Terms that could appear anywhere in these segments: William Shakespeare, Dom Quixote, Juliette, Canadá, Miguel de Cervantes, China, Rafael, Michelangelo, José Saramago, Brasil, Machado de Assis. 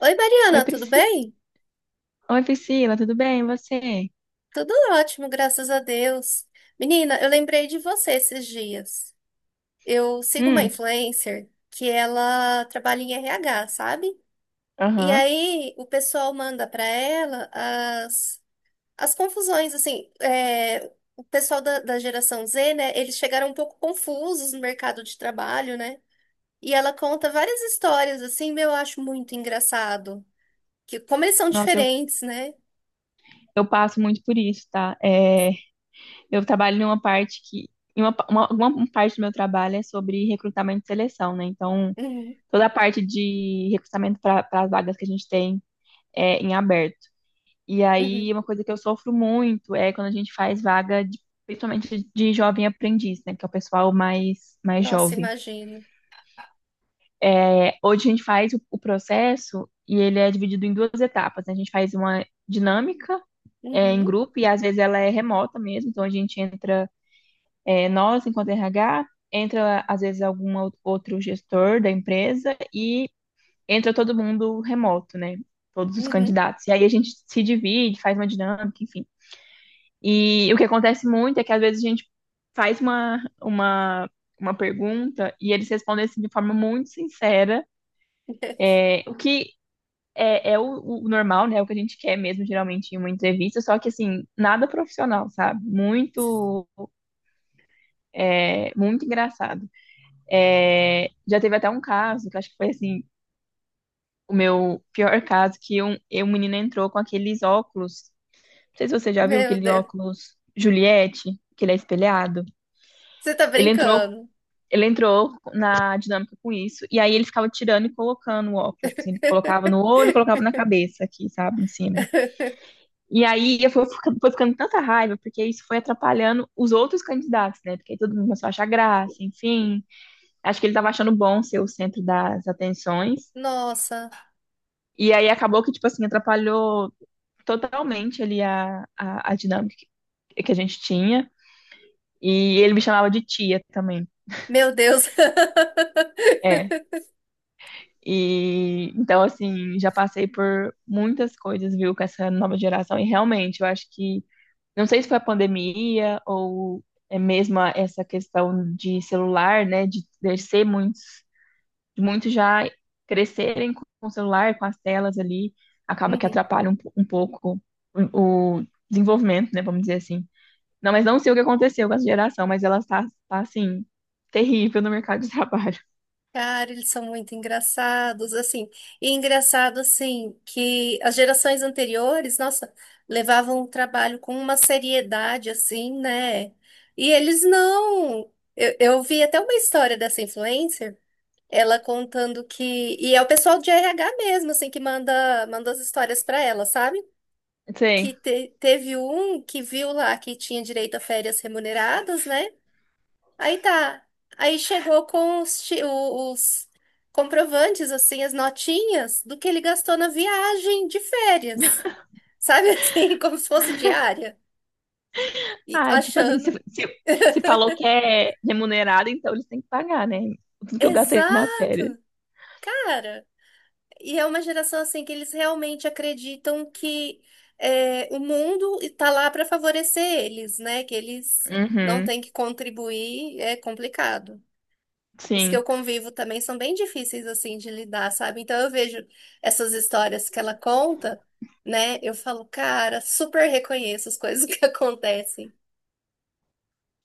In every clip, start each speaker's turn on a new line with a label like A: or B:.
A: Oi,
B: Oi,
A: Mariana, tudo bem?
B: Oi, Priscila, tudo bem? E você?
A: Tudo ótimo, graças a Deus. Menina, eu lembrei de você esses dias. Eu sigo uma
B: Hum,
A: influencer que ela trabalha em RH, sabe? E
B: aham.
A: aí o pessoal manda para ela as confusões, assim, o pessoal da geração Z, né? Eles chegaram um pouco confusos no mercado de trabalho, né? E ela conta várias histórias, assim, meu, eu acho muito engraçado. Que, como eles são
B: Nossa, eu,
A: diferentes, né?
B: eu passo muito por isso, tá? Eu trabalho numa parte que. Em uma parte do meu trabalho é sobre recrutamento e seleção, né? Então,
A: Uhum,
B: toda a parte de recrutamento para as vagas que a gente tem é em aberto. E
A: uhum.
B: aí, uma coisa que eu sofro muito é quando a gente faz vaga, principalmente de jovem aprendiz, né? Que é o pessoal mais
A: Nossa,
B: jovem.
A: imagino.
B: Hoje a gente faz o processo e ele é dividido em duas etapas, né? A gente faz uma dinâmica em
A: Uhum,
B: grupo e às vezes ela é remota mesmo, então a gente entra, nós enquanto RH, entra às vezes algum outro gestor da empresa e entra todo mundo remoto, né? Todos os
A: uhum.
B: candidatos. E aí a gente se divide, faz uma dinâmica, enfim. E o que acontece muito é que às vezes a gente faz uma pergunta e eles respondem assim de forma muito sincera. É, O que é, é o, O normal, né? O que a gente quer mesmo, geralmente, em uma entrevista, só que assim, nada profissional, sabe? Muito engraçado. É, já teve até um caso, que eu acho que foi assim, o meu pior caso, que um menino entrou com aqueles óculos. Não sei se você já viu
A: Meu
B: aquele
A: Deus,
B: óculos Juliette, que ele é espelhado.
A: você tá
B: Ele entrou.
A: brincando.
B: Ele entrou na dinâmica com isso, e aí ele ficava tirando e colocando o óculos. Tipo assim, ele colocava no olho, e colocava na cabeça aqui, sabe, em cima. E aí foi ficando tanta raiva, porque isso foi atrapalhando os outros candidatos, né? Porque aí todo mundo começou a achar graça, enfim. Acho que ele tava achando bom ser o centro das atenções.
A: Nossa,
B: E aí acabou que, tipo assim, atrapalhou totalmente ali a dinâmica que a gente tinha. E ele me chamava de tia também.
A: meu Deus.
B: É. E então, assim, já passei por muitas coisas, viu, com essa nova geração. E realmente, eu acho que não sei se foi a pandemia ou é mesmo essa questão de celular, né? De crescer muitos, de muitos já crescerem com o celular, com as telas ali, acaba que
A: Uhum.
B: atrapalha um pouco o desenvolvimento, né? Vamos dizer assim. Não, mas não sei o que aconteceu com essa geração, mas ela está assim, terrível no mercado de trabalho.
A: Cara, eles são muito engraçados, assim. E engraçado, assim, que as gerações anteriores, nossa, levavam o trabalho com uma seriedade, assim, né? E eles não. Eu vi até uma história dessa influencer. Ela contando que. E é o pessoal de RH mesmo, assim, que manda as histórias pra ela, sabe?
B: Sei.
A: Que teve um que viu lá que tinha direito a férias remuneradas, né? Aí tá. Aí chegou com os comprovantes, assim, as notinhas do que ele gastou na viagem de férias. Sabe assim, como se fosse diária. E
B: Ah, tipo assim,
A: achando.
B: se falou que é remunerado, então eles têm que pagar, né? Tudo que eu gastei nas
A: Exato,
B: férias.
A: cara. E é uma geração assim que eles realmente acreditam que o mundo está lá para favorecer eles, né? Que eles não
B: Uhum.
A: têm que contribuir, é complicado. Os que
B: Sim.
A: eu convivo também são bem difíceis assim de lidar, sabe? Então eu vejo essas histórias que ela conta, né? Eu falo, cara, super reconheço as coisas que acontecem.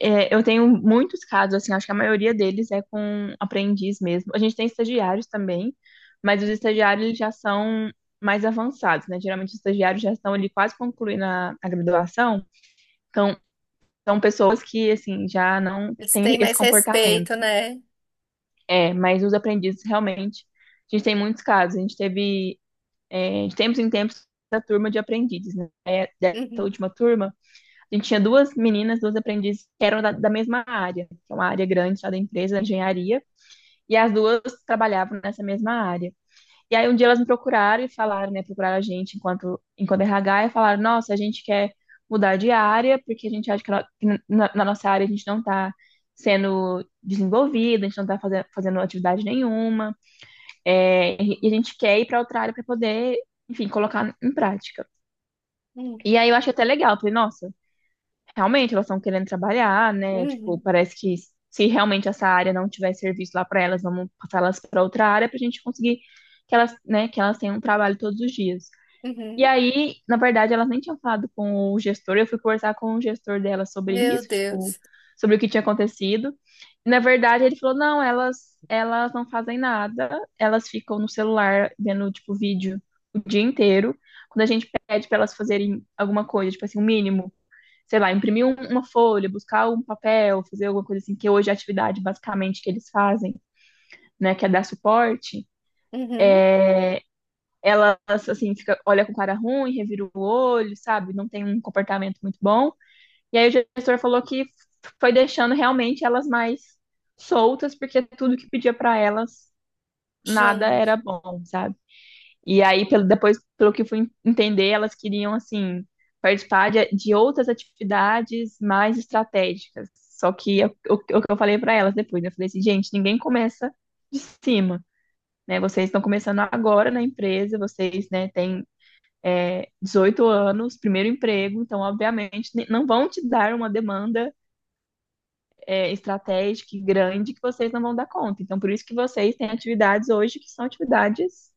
B: É, eu tenho muitos casos, assim, acho que a maioria deles é com aprendiz mesmo. A gente tem estagiários também, mas os estagiários eles já são mais avançados, né? Geralmente os estagiários já estão ali quase concluindo a graduação, então são pessoas que, assim, já não
A: Eles
B: têm
A: têm
B: esse
A: mais
B: comportamento.
A: respeito, né?
B: É, mas os aprendizes realmente, a gente tem muitos casos. A gente teve de tempos em tempos, a turma de aprendizes, né? É, dessa
A: Uhum,
B: última turma, a gente tinha duas meninas, duas aprendizes que eram da mesma área, que é uma área grande lá da empresa, da engenharia, e as duas trabalhavam nessa mesma área. E aí um dia elas me procuraram e falaram, né, procuraram a gente enquanto RH e falaram, nossa, a gente quer mudar de área, porque a gente acha que na nossa área a gente não está sendo desenvolvida, a gente não está fazendo atividade nenhuma, é, e a gente quer ir para outra área para poder, enfim, colocar em prática.
A: uhum,
B: E aí eu achei até legal, falei, nossa, realmente elas estão querendo trabalhar, né? Tipo,
A: uhum,
B: parece que se realmente essa área não tiver serviço lá para elas, vamos passar elas para outra área para a gente conseguir que elas, né, que elas tenham um trabalho todos os dias. E
A: uhum.
B: aí, na verdade, elas nem tinham falado com o gestor, eu fui conversar com o gestor delas sobre
A: Meu
B: isso, tipo,
A: Deus.
B: sobre o que tinha acontecido. E, na verdade, ele falou: "Não, elas não fazem nada, elas ficam no celular vendo tipo vídeo o dia inteiro. Quando a gente pede para elas fazerem alguma coisa, tipo assim, o mínimo sei lá, imprimir uma folha, buscar um papel, fazer alguma coisa assim, que hoje é a atividade basicamente que eles fazem, né, que é dar suporte,
A: Uhum.
B: ela, assim, fica, olha com cara ruim, revira o olho, sabe? Não tem um comportamento muito bom. E aí o gestor falou que foi deixando realmente elas mais soltas, porque tudo que pedia para elas, nada era
A: Gente.
B: bom, sabe? E aí, depois, pelo que eu fui entender, elas queriam, assim, participar de outras atividades mais estratégicas. Só que o que eu falei para elas depois, né? Eu falei assim, gente, ninguém começa de cima, né? Vocês estão começando agora na empresa, vocês, né, têm 18 anos, primeiro emprego, então, obviamente, não vão te dar uma demanda estratégica e grande que vocês não vão dar conta. Então, por isso que vocês têm atividades hoje que são atividades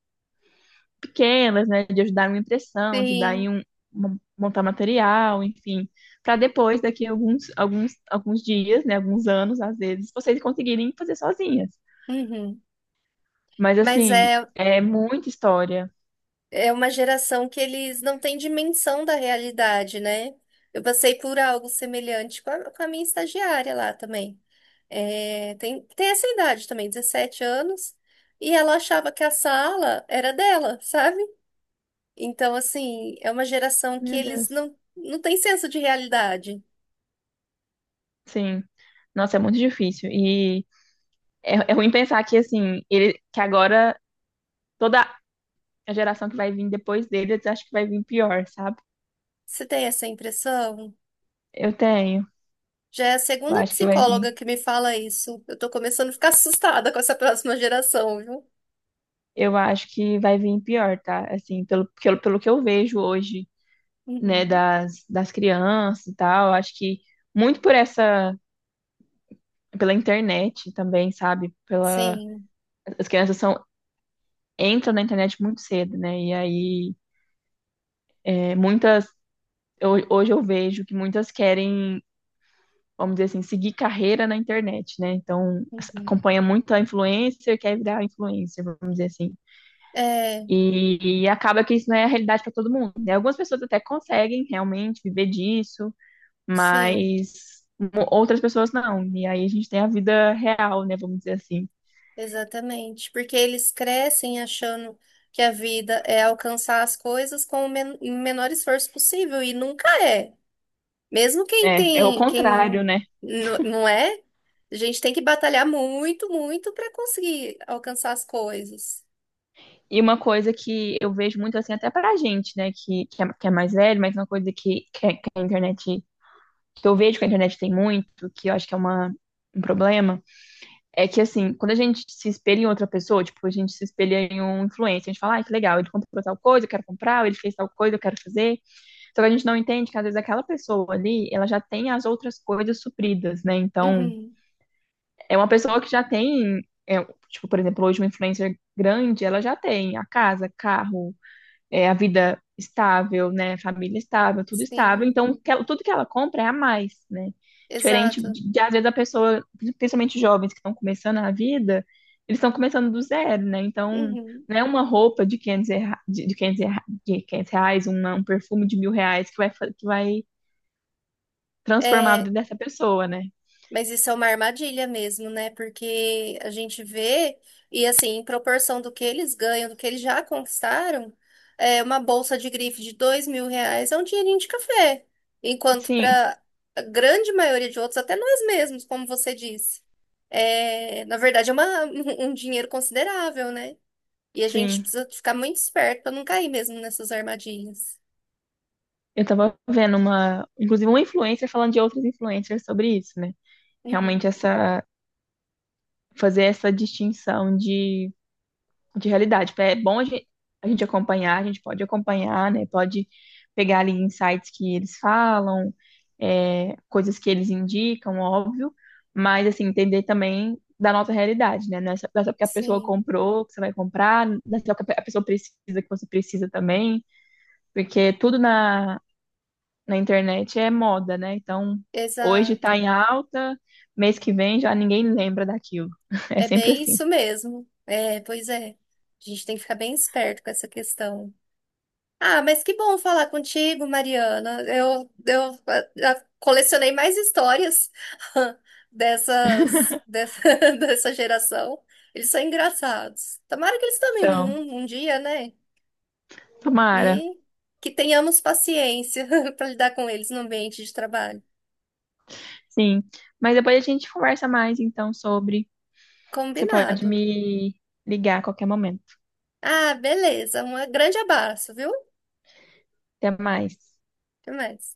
B: pequenas, né, de ajudar em uma impressão, de ajudar em
A: Sim.
B: montar material, enfim, para depois, daqui a alguns dias, né, alguns anos, às vezes, vocês conseguirem fazer sozinhas.
A: Uhum.
B: Mas,
A: Mas
B: assim,
A: é,
B: é muita história.
A: é uma geração que eles não têm dimensão da realidade, né? Eu passei por algo semelhante com a minha estagiária lá também. É, tem essa idade também, 17 anos, e ela achava que a sala era dela, sabe? Então, assim, é uma geração que
B: Meu
A: eles
B: Deus.
A: não, não têm senso de realidade.
B: Sim. Nossa, é muito difícil. E é ruim pensar que, assim, ele, que agora toda a geração que vai vir depois deles, acho que vai vir pior, sabe?
A: Você tem essa impressão?
B: Eu tenho.
A: Já é a
B: Eu
A: segunda
B: acho que vai
A: psicóloga
B: vir.
A: que me fala isso. Eu tô começando a ficar assustada com essa próxima geração, viu?
B: Eu acho que vai vir pior, tá? Assim, pelo que eu vejo hoje, né,
A: Uhum.
B: das crianças e tal. Acho que muito por essa, pela internet também, sabe?
A: Sim.
B: As crianças são, entram na internet muito cedo, né? E aí, é, muitas, hoje eu vejo que muitas querem, vamos dizer assim, seguir carreira na internet, né? Então,
A: Uhum.
B: acompanha muito a influencer, quer virar influencer, vamos dizer assim.
A: É,
B: E acaba que isso não é a realidade para todo mundo, né? Algumas pessoas até conseguem realmente viver disso,
A: sim,
B: mas outras pessoas não. E aí a gente tem a vida real, né? Vamos dizer assim.
A: exatamente. Porque eles crescem achando que a vida é alcançar as coisas com o menor esforço possível e nunca é. Mesmo quem
B: É, é o
A: tem,
B: contrário,
A: quem
B: né?
A: não é, a gente tem que batalhar muito, muito para conseguir alcançar as coisas.
B: E uma coisa que eu vejo muito assim, até pra gente, né, que é mais velho, mas uma coisa que eu vejo que a internet tem muito, que eu acho que é uma, um problema, é que assim, quando a gente se espelha em outra pessoa, tipo, a gente se espelha em um influencer, a gente fala, ai, que legal, ele comprou tal coisa, eu quero comprar, ou ele fez tal coisa, eu quero fazer. Só que a gente não entende que às vezes aquela pessoa ali, ela já tem as outras coisas supridas, né? Então,
A: Uhum.
B: é uma pessoa que já tem, é, tipo, por exemplo, hoje uma influencer grande, ela já tem a casa, carro, é, a vida estável, né? Família estável, tudo estável.
A: Sim,
B: Então, tudo que ela compra é a mais, né? Diferente
A: exato.
B: às vezes, a pessoa, principalmente jovens que estão começando a vida, eles estão começando do zero, né? Então,
A: Uhum.
B: não é uma roupa de 500, de 500 reais, um perfume de 1000 reais que que vai transformar a
A: É,
B: vida dessa pessoa, né?
A: mas isso é uma armadilha mesmo, né? Porque a gente vê, e assim, em proporção do que eles ganham, do que eles já conquistaram, é uma bolsa de grife de 2.000 reais é um dinheirinho de café. Enquanto
B: Sim,
A: para a grande maioria de outros, até nós mesmos, como você disse, é, na verdade é uma, um dinheiro considerável, né? E a gente
B: sim.
A: precisa ficar muito esperto para não cair mesmo nessas armadilhas.
B: Eu tava vendo uma, inclusive uma influencer falando de outras influencers sobre isso, né?
A: Uhum.
B: Realmente essa, fazer essa distinção de realidade. É bom a gente acompanhar, a gente pode acompanhar, né? Pode pegar ali insights que eles falam, é, coisas que eles indicam, óbvio, mas assim, entender também da nossa realidade, né? Não é só porque a pessoa
A: Sim,
B: comprou que você vai comprar, não é só porque a pessoa precisa que você precisa também. Porque tudo na internet é moda, né? Então, hoje tá
A: exato.
B: em alta, mês que vem já ninguém lembra daquilo. É
A: É
B: sempre
A: bem
B: assim.
A: isso mesmo. É, pois é. A gente tem que ficar bem esperto com essa questão. Ah, mas que bom falar contigo, Mariana. Eu já colecionei mais histórias dessas, dessa, dessa geração. Eles são engraçados. Tomara que eles tomem
B: Então,
A: um, um dia, né?
B: tomara.
A: E que tenhamos paciência para lidar com eles no ambiente de trabalho.
B: Sim. Mas depois a gente conversa mais, então, sobre. Você pode
A: Combinado.
B: me ligar a qualquer momento.
A: Ah, beleza. Um grande abraço, viu?
B: Até mais.
A: Até mais.